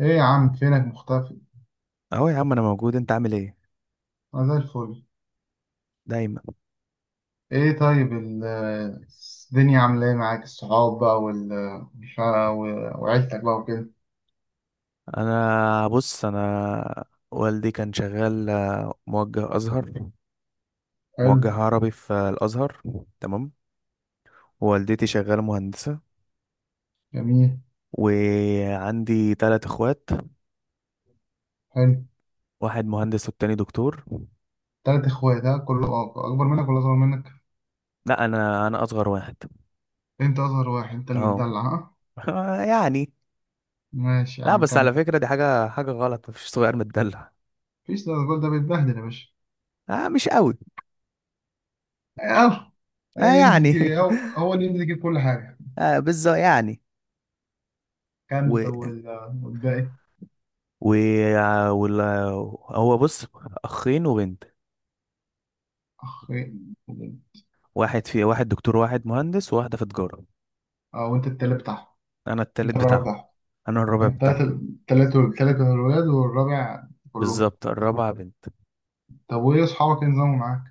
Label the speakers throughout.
Speaker 1: ايه يا عم، فينك مختفي؟
Speaker 2: اهو يا عم، انا موجود، انت عامل ايه؟
Speaker 1: انا زي الفل.
Speaker 2: دايما.
Speaker 1: ايه، طيب، الدنيا عامله ايه معاك؟ الصحاب بقى مش ع- و- وعيلتك بقى وكده.
Speaker 2: انا بص، انا والدي كان شغال موجه ازهر،
Speaker 1: حلو.
Speaker 2: موجه عربي في الازهر. تمام. ووالدتي شغاله مهندسه،
Speaker 1: جميل.
Speaker 2: وعندي ثلاث اخوات،
Speaker 1: حلو.
Speaker 2: واحد مهندس والتاني دكتور.
Speaker 1: تلات اخوات؟ ها، كله اكبر منك ولا اصغر منك؟
Speaker 2: لا، انا اصغر واحد.
Speaker 1: انت اصغر واحد، انت اللي
Speaker 2: اه.
Speaker 1: بتدلع، ها؟
Speaker 2: يعني
Speaker 1: ماشي يا
Speaker 2: لا
Speaker 1: عم،
Speaker 2: بس على
Speaker 1: كمل.
Speaker 2: فكره، دي حاجه غلط، مفيش صغير متدلع.
Speaker 1: مفيش، ده الراجل ده بيتبهدل يا باشا.
Speaker 2: آه مش قوي.
Speaker 1: اه.
Speaker 2: آه
Speaker 1: أي ينزل
Speaker 2: يعني.
Speaker 1: يجيب، هو اللي ينزل يجيب كل حاجه.
Speaker 2: آه بالظبط يعني.
Speaker 1: كمل، طب والباقي؟
Speaker 2: و وال... هو بص، اخين وبنت،
Speaker 1: اخ؟
Speaker 2: واحد في واحد دكتور واحد مهندس وواحده في تجاره.
Speaker 1: اه، وانت التالت بتاعهم؟
Speaker 2: انا التالت
Speaker 1: انت الرابع
Speaker 2: بتاعهم.
Speaker 1: بتاعهم؟
Speaker 2: انا الرابع
Speaker 1: انت
Speaker 2: بتاعهم.
Speaker 1: تلاتة الولاد والرابع. كلهم.
Speaker 2: بالظبط، الرابعه بنت.
Speaker 1: طب، وايه اصحابك؟ ايه نظامهم معاك؟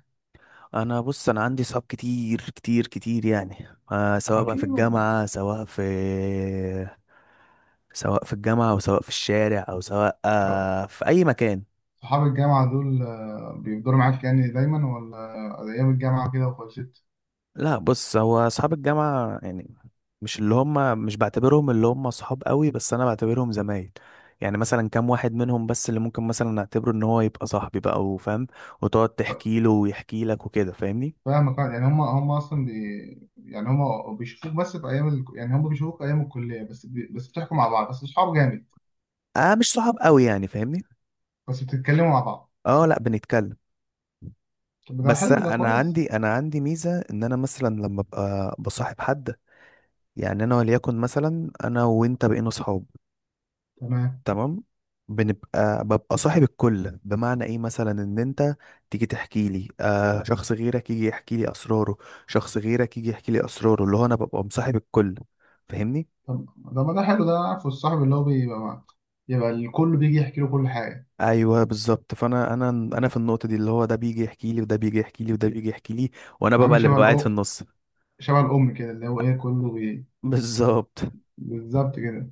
Speaker 2: انا بص، انا عندي صحاب كتير كتير كتير يعني، سواء بقى في
Speaker 1: اكيد.
Speaker 2: الجامعه سواء في، سواء في الجامعه او سواء في الشارع او سواء
Speaker 1: طب.
Speaker 2: في اي مكان.
Speaker 1: صحاب الجامعة دول بيفضلوا معاك يعني دايما، ولا ايام الجامعة كده وخلصت؟
Speaker 2: لا بص، هو اصحاب الجامعه يعني، مش بعتبرهم اللي هم صحاب قوي، بس انا بعتبرهم زمايل. يعني مثلا كام واحد منهم بس اللي ممكن مثلا نعتبره ان هو يبقى صاحبي بقى، وفاهم وتقعد
Speaker 1: طب.
Speaker 2: تحكي له ويحكي لك وكده، فاهمني.
Speaker 1: فاهمك، يعني هم اصلا يعني هم بيشوفوك بس في ايام يعني هم بيشوفوك ايام الكلية بس بس بتحكوا مع بعض، بس اصحاب جامد.
Speaker 2: اه مش صحاب قوي يعني، فاهمني.
Speaker 1: بس بتتكلموا مع بعض.
Speaker 2: اه لا بنتكلم.
Speaker 1: طب، ده
Speaker 2: بس
Speaker 1: حلو، ده
Speaker 2: انا
Speaker 1: كويس.
Speaker 2: عندي انا عندي ميزه، ان انا مثلا لما ابقى بصاحب حد، يعني انا وليكن مثلا انا وانت بقينا صحاب،
Speaker 1: تمام.
Speaker 2: تمام، ببقى صاحب الكل. بمعنى ايه؟ مثلا ان انت تيجي تحكي لي، شخص غيرك يجي يحكي لي اسراره، شخص غيرك يجي يحكي لي اسراره، اللي هو انا ببقى مصاحب الكل، فاهمني.
Speaker 1: طب، ده ما ده حلو. ده عارفه الصاحب اللي هو بيبقى مع، يبقى الكل بيجي يحكي له كل حاجة.
Speaker 2: ايوه بالظبط، فانا انا انا في النقطه دي، اللي هو ده بيجي يحكي لي وده بيجي يحكي لي وده بيجي يحكي لي، وانا ببقى
Speaker 1: عامل
Speaker 2: اللي ببقى قاعد في النص.
Speaker 1: شبه الأم كده، اللي هو إيه، كله
Speaker 2: بالظبط.
Speaker 1: بالظبط كده.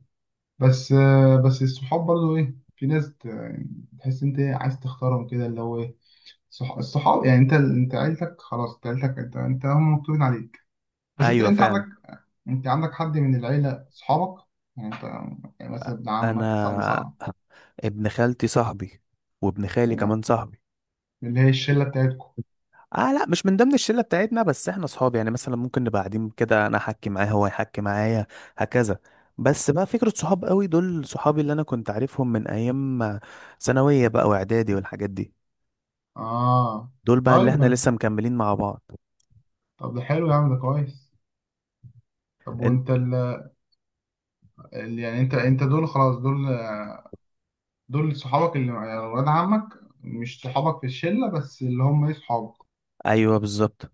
Speaker 1: بس الصحاب برضو، إيه، في ناس يعني تحس أنت، إيه، عايز تختارهم كده اللي هو إيه. الصحاب يعني، أنت عيلتك، خلاص، أنت عيلتك، أنت هم مكتوبين عليك. بس أنت
Speaker 2: ايوه
Speaker 1: أنت عندك،
Speaker 2: فعلا.
Speaker 1: أنت عندك حد من العيلة صحابك؟ يعني أنت، يعني مثلا ابن عمك صعب
Speaker 2: انا
Speaker 1: صعب.
Speaker 2: ابن خالتي صاحبي، وابن خالي
Speaker 1: يعني،
Speaker 2: كمان صاحبي.
Speaker 1: اللي هي الشلة بتاعتكم؟
Speaker 2: اه لا، مش من ضمن الشله بتاعتنا، بس احنا اصحاب يعني. مثلا ممكن نبقى قاعدين كده، انا احكي معاه هو يحكي معايا، هكذا. بس بقى فكره، صحاب قوي دول صحابي اللي انا كنت عارفهم من ايام ثانويه بقى واعدادي والحاجات دي،
Speaker 1: آه،
Speaker 2: دول بقى اللي
Speaker 1: طيب،
Speaker 2: احنا
Speaker 1: ما،
Speaker 2: لسه مكملين مع بعض.
Speaker 1: طب ده حلو يا عم، ده كويس. طب،
Speaker 2: انت
Speaker 1: وأنت يعني أنت دول، خلاص، دول. دول صحابك، اللي يعني ولاد عمك مش صحابك في الشلة بس، اللي هم ايه، صحابك.
Speaker 2: ايوه بالظبط.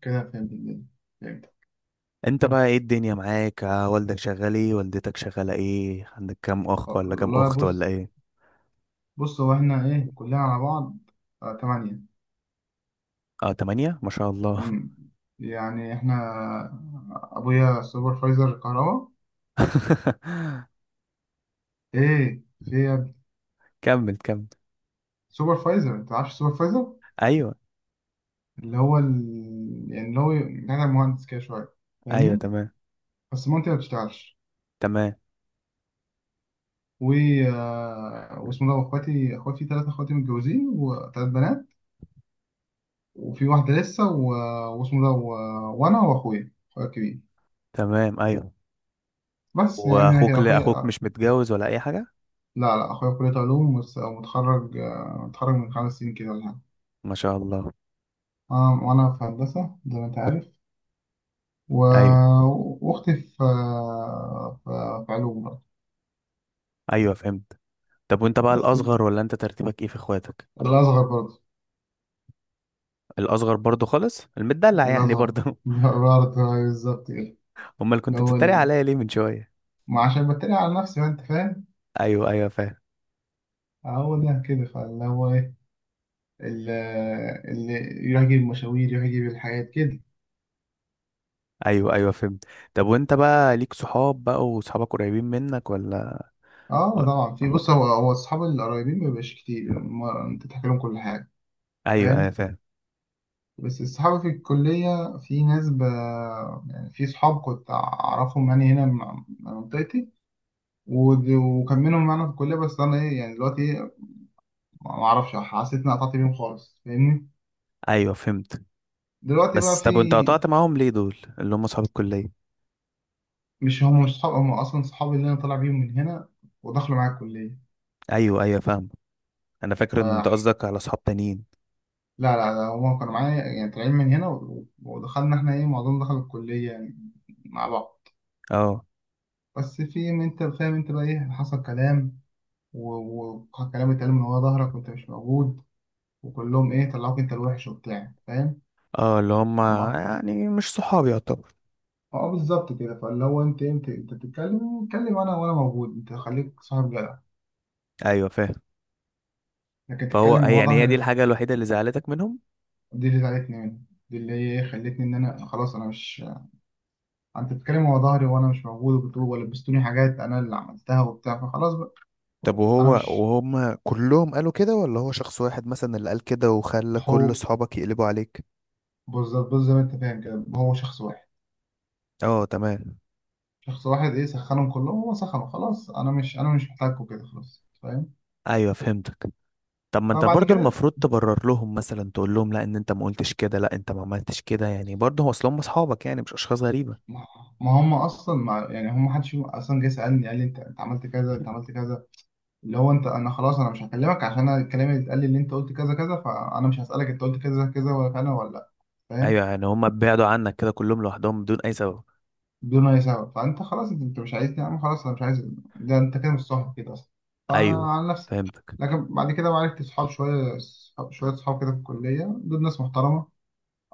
Speaker 1: كده، فهمت الدنيا؟ فهمت.
Speaker 2: انت بقى ايه الدنيا معاك، والدك شغال ايه، والدتك شغاله ايه، عندك كام اخ ولا كام
Speaker 1: والله،
Speaker 2: اخت ولا
Speaker 1: بص.
Speaker 2: ايه؟
Speaker 1: بص، هو احنا، ايه، كلنا على بعض، آه، تمانية.
Speaker 2: اه تمانية ما شاء الله.
Speaker 1: مم. يعني احنا، ابويا سوبرفايزر كهرباء. ايه، في إيه يا ابني؟
Speaker 2: كمل كمل.
Speaker 1: سوبرفايزر، انت عارف سوبرفايزر؟
Speaker 2: ايوه
Speaker 1: اللي هو يعني اللي هو، بتاع مهندس كده شوية.
Speaker 2: ايوه
Speaker 1: فاهمني؟
Speaker 2: تمام.
Speaker 1: بس مامتي ما بتشتغلش.
Speaker 2: تمام.
Speaker 1: و واسمه ده، اخواتي ثلاثة، اخواتي متجوزين وثلاث بنات. وفي واحدة لسه واسمه ده وأنا وأخويا، أخويا الكبير.
Speaker 2: تمام. ايوه.
Speaker 1: بس يعني أنا كده،
Speaker 2: اخوك
Speaker 1: أخويا.
Speaker 2: مش متجوز ولا اي حاجه؟
Speaker 1: لا، لا، أخويا في كلية علوم ومتخرج آه، متخرج من 5 سنين كده ولا حاجة.
Speaker 2: ما شاء الله.
Speaker 1: أنا في هندسة زي ما أنت عارف و...
Speaker 2: ايوه
Speaker 1: وأختي في آه، في في علوم برضه.
Speaker 2: ايوه فهمت. طب وانت بقى
Speaker 1: بس
Speaker 2: الاصغر، ولا انت ترتيبك ايه في اخواتك؟
Speaker 1: الأصغر برضه.
Speaker 2: الاصغر برضو خالص، المدلع يعني
Speaker 1: الأصغر
Speaker 2: برضو.
Speaker 1: برضه. بالظبط كده.
Speaker 2: امال
Speaker 1: اللي
Speaker 2: كنت
Speaker 1: هو
Speaker 2: بتتريق
Speaker 1: ال-
Speaker 2: عليا ليه من شويه؟
Speaker 1: ما عشان بتريق على نفسي بقى، أنت فاهم.
Speaker 2: ايوه ايوه فاهم.
Speaker 1: هو ده كده، فاللي هو إيه، اللي اللي يروح يجيب مشاوير، يروح يجيب الحاجات كده.
Speaker 2: ايوه ايوه فهمت. طب وانت بقى ليك صحاب بقى، وصحابك قريبين منك ولا؟ و-
Speaker 1: اه طبعا، في. بص، هو الصحاب القريبين ما بيبقاش كتير، يعني، انت تحكي لهم كل حاجه.
Speaker 2: ايوه ايوه
Speaker 1: فاهم.
Speaker 2: فاهم.
Speaker 1: بس الصحاب في الكليه، في ناس يعني في صحاب كنت اعرفهم يعني، هنا، من منطقتي. وكان منهم معانا في الكليه، بس انا ايه يعني دلوقتي، إيه، ما اعرفش، حسيت اني قطعت بيهم خالص، فاهمني.
Speaker 2: ايوه فهمت.
Speaker 1: دلوقتي بقى
Speaker 2: بس
Speaker 1: في،
Speaker 2: طب وانت قطعت معاهم ليه، دول اللي هم صحاب الكليه؟
Speaker 1: مش، هم مش صحاب، هم اصلا صحابي اللي انا طالع بيهم من هنا ودخلوا معايا
Speaker 2: ايوه ايوه فاهم. انا فاكر ان انت
Speaker 1: الكليه.
Speaker 2: قصدك على صحاب تانيين.
Speaker 1: لا، لا، لا، هما كانوا معايا يعني، طالعين من هنا ودخلنا احنا ايه معظمنا دخل الكلية يعني مع بعض.
Speaker 2: اه
Speaker 1: بس في، ما انت فاهم، انت بقى ايه، حصل كلام و- وكلام اتقال من ورا ظهرك وانت مش موجود، وكلهم ايه طلعوك انت الوحش وبتاع، فاهم.
Speaker 2: اه، اللي هم
Speaker 1: اما،
Speaker 2: يعني مش صحابي يعتبر.
Speaker 1: اه بالظبط كده، فاللي هو انت بتتكلم، اتكلم انا وانا موجود، انت خليك صاحب جدع.
Speaker 2: ايوه فاهم.
Speaker 1: لكن
Speaker 2: فهو
Speaker 1: تتكلم من
Speaker 2: هي
Speaker 1: ورا
Speaker 2: يعني هي دي
Speaker 1: ظهري.
Speaker 2: الحاجة الوحيدة اللي زعلتك منهم.
Speaker 1: دي اللي زعلتني مني، دي اللي هي ايه خلتني ان انا خلاص انا مش، انت بتتكلم ورا ظهري وانا مش موجود، وبتقول ولبستوني حاجات انا اللي عملتها وبتاع، فخلاص
Speaker 2: طب
Speaker 1: انا
Speaker 2: وهو
Speaker 1: مش.
Speaker 2: وهم كلهم قالوا كده، ولا هو شخص واحد مثلا اللي قال كده وخلى كل
Speaker 1: هو
Speaker 2: صحابك يقلبوا عليك؟
Speaker 1: بالظبط بالظبط زي ما انت فاهم كده، هو شخص واحد.
Speaker 2: اه تمام.
Speaker 1: شخص واحد، ايه، سخنهم كلهم، هو سخنه، خلاص انا مش محتاجكم، كده خلاص، فاهم.
Speaker 2: ايوه فهمتك. طب ما انت
Speaker 1: فبعد
Speaker 2: برضو
Speaker 1: كده،
Speaker 2: المفروض تبرر لهم، مثلا تقول لهم لا ان انت ما قلتش كده، لا انت ما عملتش كده، يعني برضه هو اصل هم اصحابك يعني، مش اشخاص غريبة.
Speaker 1: ما، ما هم اصلا ما يعني، هم محدش فيهم اصلا جه سالني قال لي انت عملت كذا، انت عملت كذا. اللي هو انت، انا خلاص انا مش هكلمك، عشان أنا الكلام اللي اتقال لي ان انت قلت كذا كذا، فانا مش هسالك انت قلت كذا كذا ولا انا ولا لا. فاهم؟
Speaker 2: ايوه يعني هم بعدوا عنك كده كلهم لوحدهم بدون اي سبب.
Speaker 1: دون اي سبب، فانت خلاص، انت مش عايزني يا عم، خلاص انا مش عايز. ده انت كده مش صاحب كده اصلا. فانا
Speaker 2: ايوه
Speaker 1: عن نفسي.
Speaker 2: فهمتك.
Speaker 1: لكن بعد كده عرفت صحاب شويه شويه صحاب كده في الكليه، دول ناس محترمه.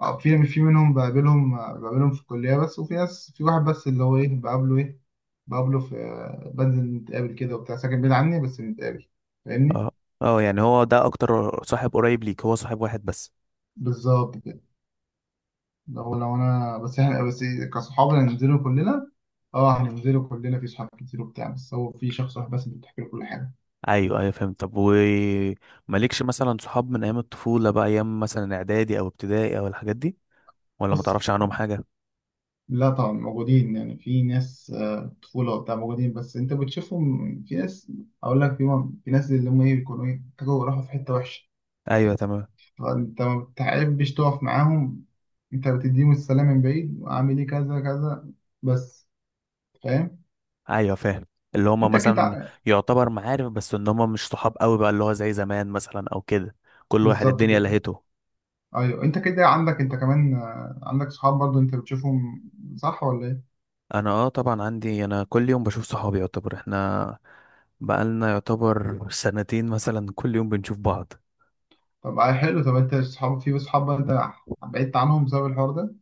Speaker 1: اه، في منهم بقابلهم في الكليه بس، وفي ناس، في واحد بس اللي هو ايه بقابله، ايه، بقابله في، بنزل نتقابل كده وبتاع، ساكن بعيد عني بس بنتقابل، فاهمني.
Speaker 2: اه اه يعني هو ده اكتر صاحب قريب ليك، هو صاحب واحد بس.
Speaker 1: بالظبط كده. لو انا بس، احنا بس، إيه، كصحاب هننزلوا كلنا، اه هننزلوا كلنا، في صحاب كتير وبتاع، بس هو في شخص واحد بس اللي بتحكي له كل حاجه.
Speaker 2: ايوه ايوه فهمت. طب ومالكش مثلا صحاب من ايام الطفولة بقى، ايام مثلا اعدادي او ابتدائي او الحاجات دي؟ ولا ما
Speaker 1: بص،
Speaker 2: تعرفش عنهم حاجة؟
Speaker 1: لا طبعا موجودين، يعني في ناس طفولة وبتاع موجودين، بس انت بتشوفهم. في ناس، اقول لك، في ناس اللي هم ايه بيكونوا ايه، كانوا راحوا في حتة وحشة،
Speaker 2: ايوه تمام.
Speaker 1: فانت ما بتحبش تقف معاهم، انت بتديهم السلام من بعيد وعامل ايه كذا كذا. بس، فاهم.
Speaker 2: ايوه فاهم. اللي هما
Speaker 1: انت كده
Speaker 2: مثلا يعتبر معارف بس، ان هما مش صحاب قوي بقى، اللي هو زي زمان مثلا او كده. كل واحد
Speaker 1: بالظبط
Speaker 2: الدنيا
Speaker 1: كده.
Speaker 2: لهيته.
Speaker 1: ايوه، انت كده عندك، انت كمان عندك صحاب برضو انت بتشوفهم، صح ولا ايه؟
Speaker 2: انا اه طبعا عندي، انا كل يوم بشوف صحابي يعتبر، احنا بقالنا يعتبر سنتين مثلا كل يوم بنشوف بعض.
Speaker 1: طب، حلو. طب انت صحاب، في صحاب بقى، انت بعدت عنهم بسبب الحوار ده؟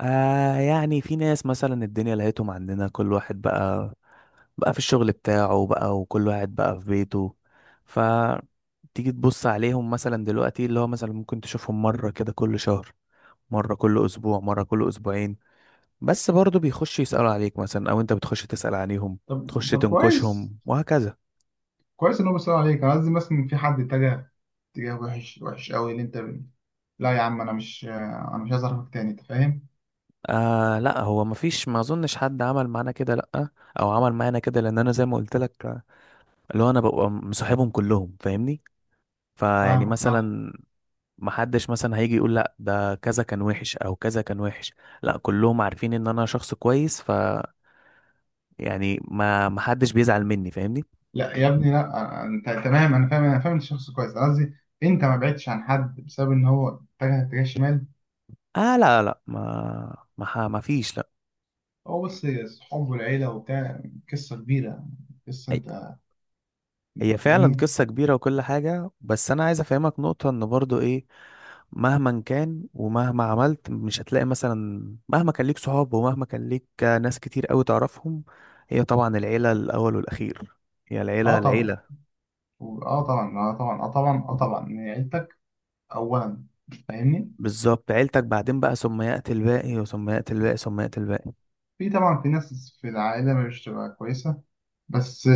Speaker 2: يعني في ناس مثلا الدنيا لقيتهم عندنا، كل واحد بقى بقى في الشغل بتاعه بقى، وكل واحد بقى في بيته. فتيجي تبص عليهم مثلا دلوقتي، اللي هو مثلا ممكن تشوفهم مرة كده كل شهر، مرة كل اسبوع، مرة كل اسبوعين. بس برضه بيخش يسألوا عليك مثلا، او انت بتخش تسأل عليهم،
Speaker 1: طب
Speaker 2: تخش
Speaker 1: طب، كويس.
Speaker 2: تنكشهم وهكذا.
Speaker 1: كويس ان هو بيسأل عليك. قصدي، مثلا في حد اتجه اتجاه وحش، وحش قوي اللي انت لا يا عم انا مش عايز اعرفك تاني، انت فاهم.
Speaker 2: آه لا، هو مفيش، ما اظنش حد عمل معانا كده، لا. او عمل معانا كده، لان انا زي ما قلت لك، اللي هو انا ببقى مصاحبهم كلهم، فاهمني. فيعني
Speaker 1: فاهمك، صح؟
Speaker 2: مثلا، محدش مثلا هيجي يقول لا ده كذا كان وحش او كذا كان وحش. لا كلهم عارفين ان انا شخص كويس، ف يعني ما محدش بيزعل مني، فاهمني.
Speaker 1: لا يا ابني، لا انت تمام، انا فاهم الشخص كويس. أنا قصدي، انت ما بعدتش عن حد بسبب ان هو اتجه اتجاه شمال؟
Speaker 2: اه لا لا، ما فيش، لا.
Speaker 1: هو بس، صحابه والعيله وبتاع، قصه كبيره، قصه،
Speaker 2: هي
Speaker 1: انت
Speaker 2: هي فعلا
Speaker 1: فاهمني.
Speaker 2: قصة كبيرة وكل حاجة، بس انا عايز افهمك نقطة، ان برضو ايه، مهما كان ومهما عملت مش هتلاقي مثلا، مهما كان ليك صحاب ومهما كان ليك ناس كتير قوي تعرفهم، هي طبعا العيلة الأول والأخير. هي
Speaker 1: اه
Speaker 2: العيلة
Speaker 1: طبعا،
Speaker 2: العيلة.
Speaker 1: اه طبعا، اه طبعا، اه طبعا، اه طبعا، إن عيلتك اولا، فاهمني.
Speaker 2: بالظبط، عيلتك بعدين بقى ثم يأتي الباقي، وثم يأتي الباقي، ثم يأتي الباقي.
Speaker 1: في، طبعا، في ناس في العائله مش تبقى كويسه، بس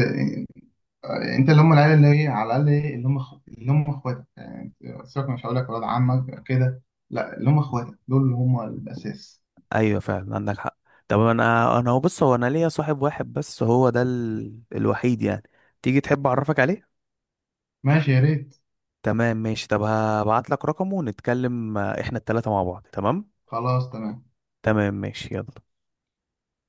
Speaker 1: انت، اللي هم العيله اللي هي على الاقل ايه، اللي هم اخواتك، يعني، سيبك، مش هقول لك ولاد عمك كده، لا، اللي هم اخواتك دول اللي هم الاساس.
Speaker 2: أيوة فعلا، عندك حق. طب أنا هو بص، هو أنا ليا صاحب واحد بس، هو ده الوحيد يعني. تيجي تحب أعرفك عليه؟
Speaker 1: ماشي، يا ريت.
Speaker 2: تمام ماشي. طب هبعت لك رقمه ونتكلم، إحنا التلاتة مع بعض تمام.
Speaker 1: خلاص، تمام.
Speaker 2: تمام ماشي يلا.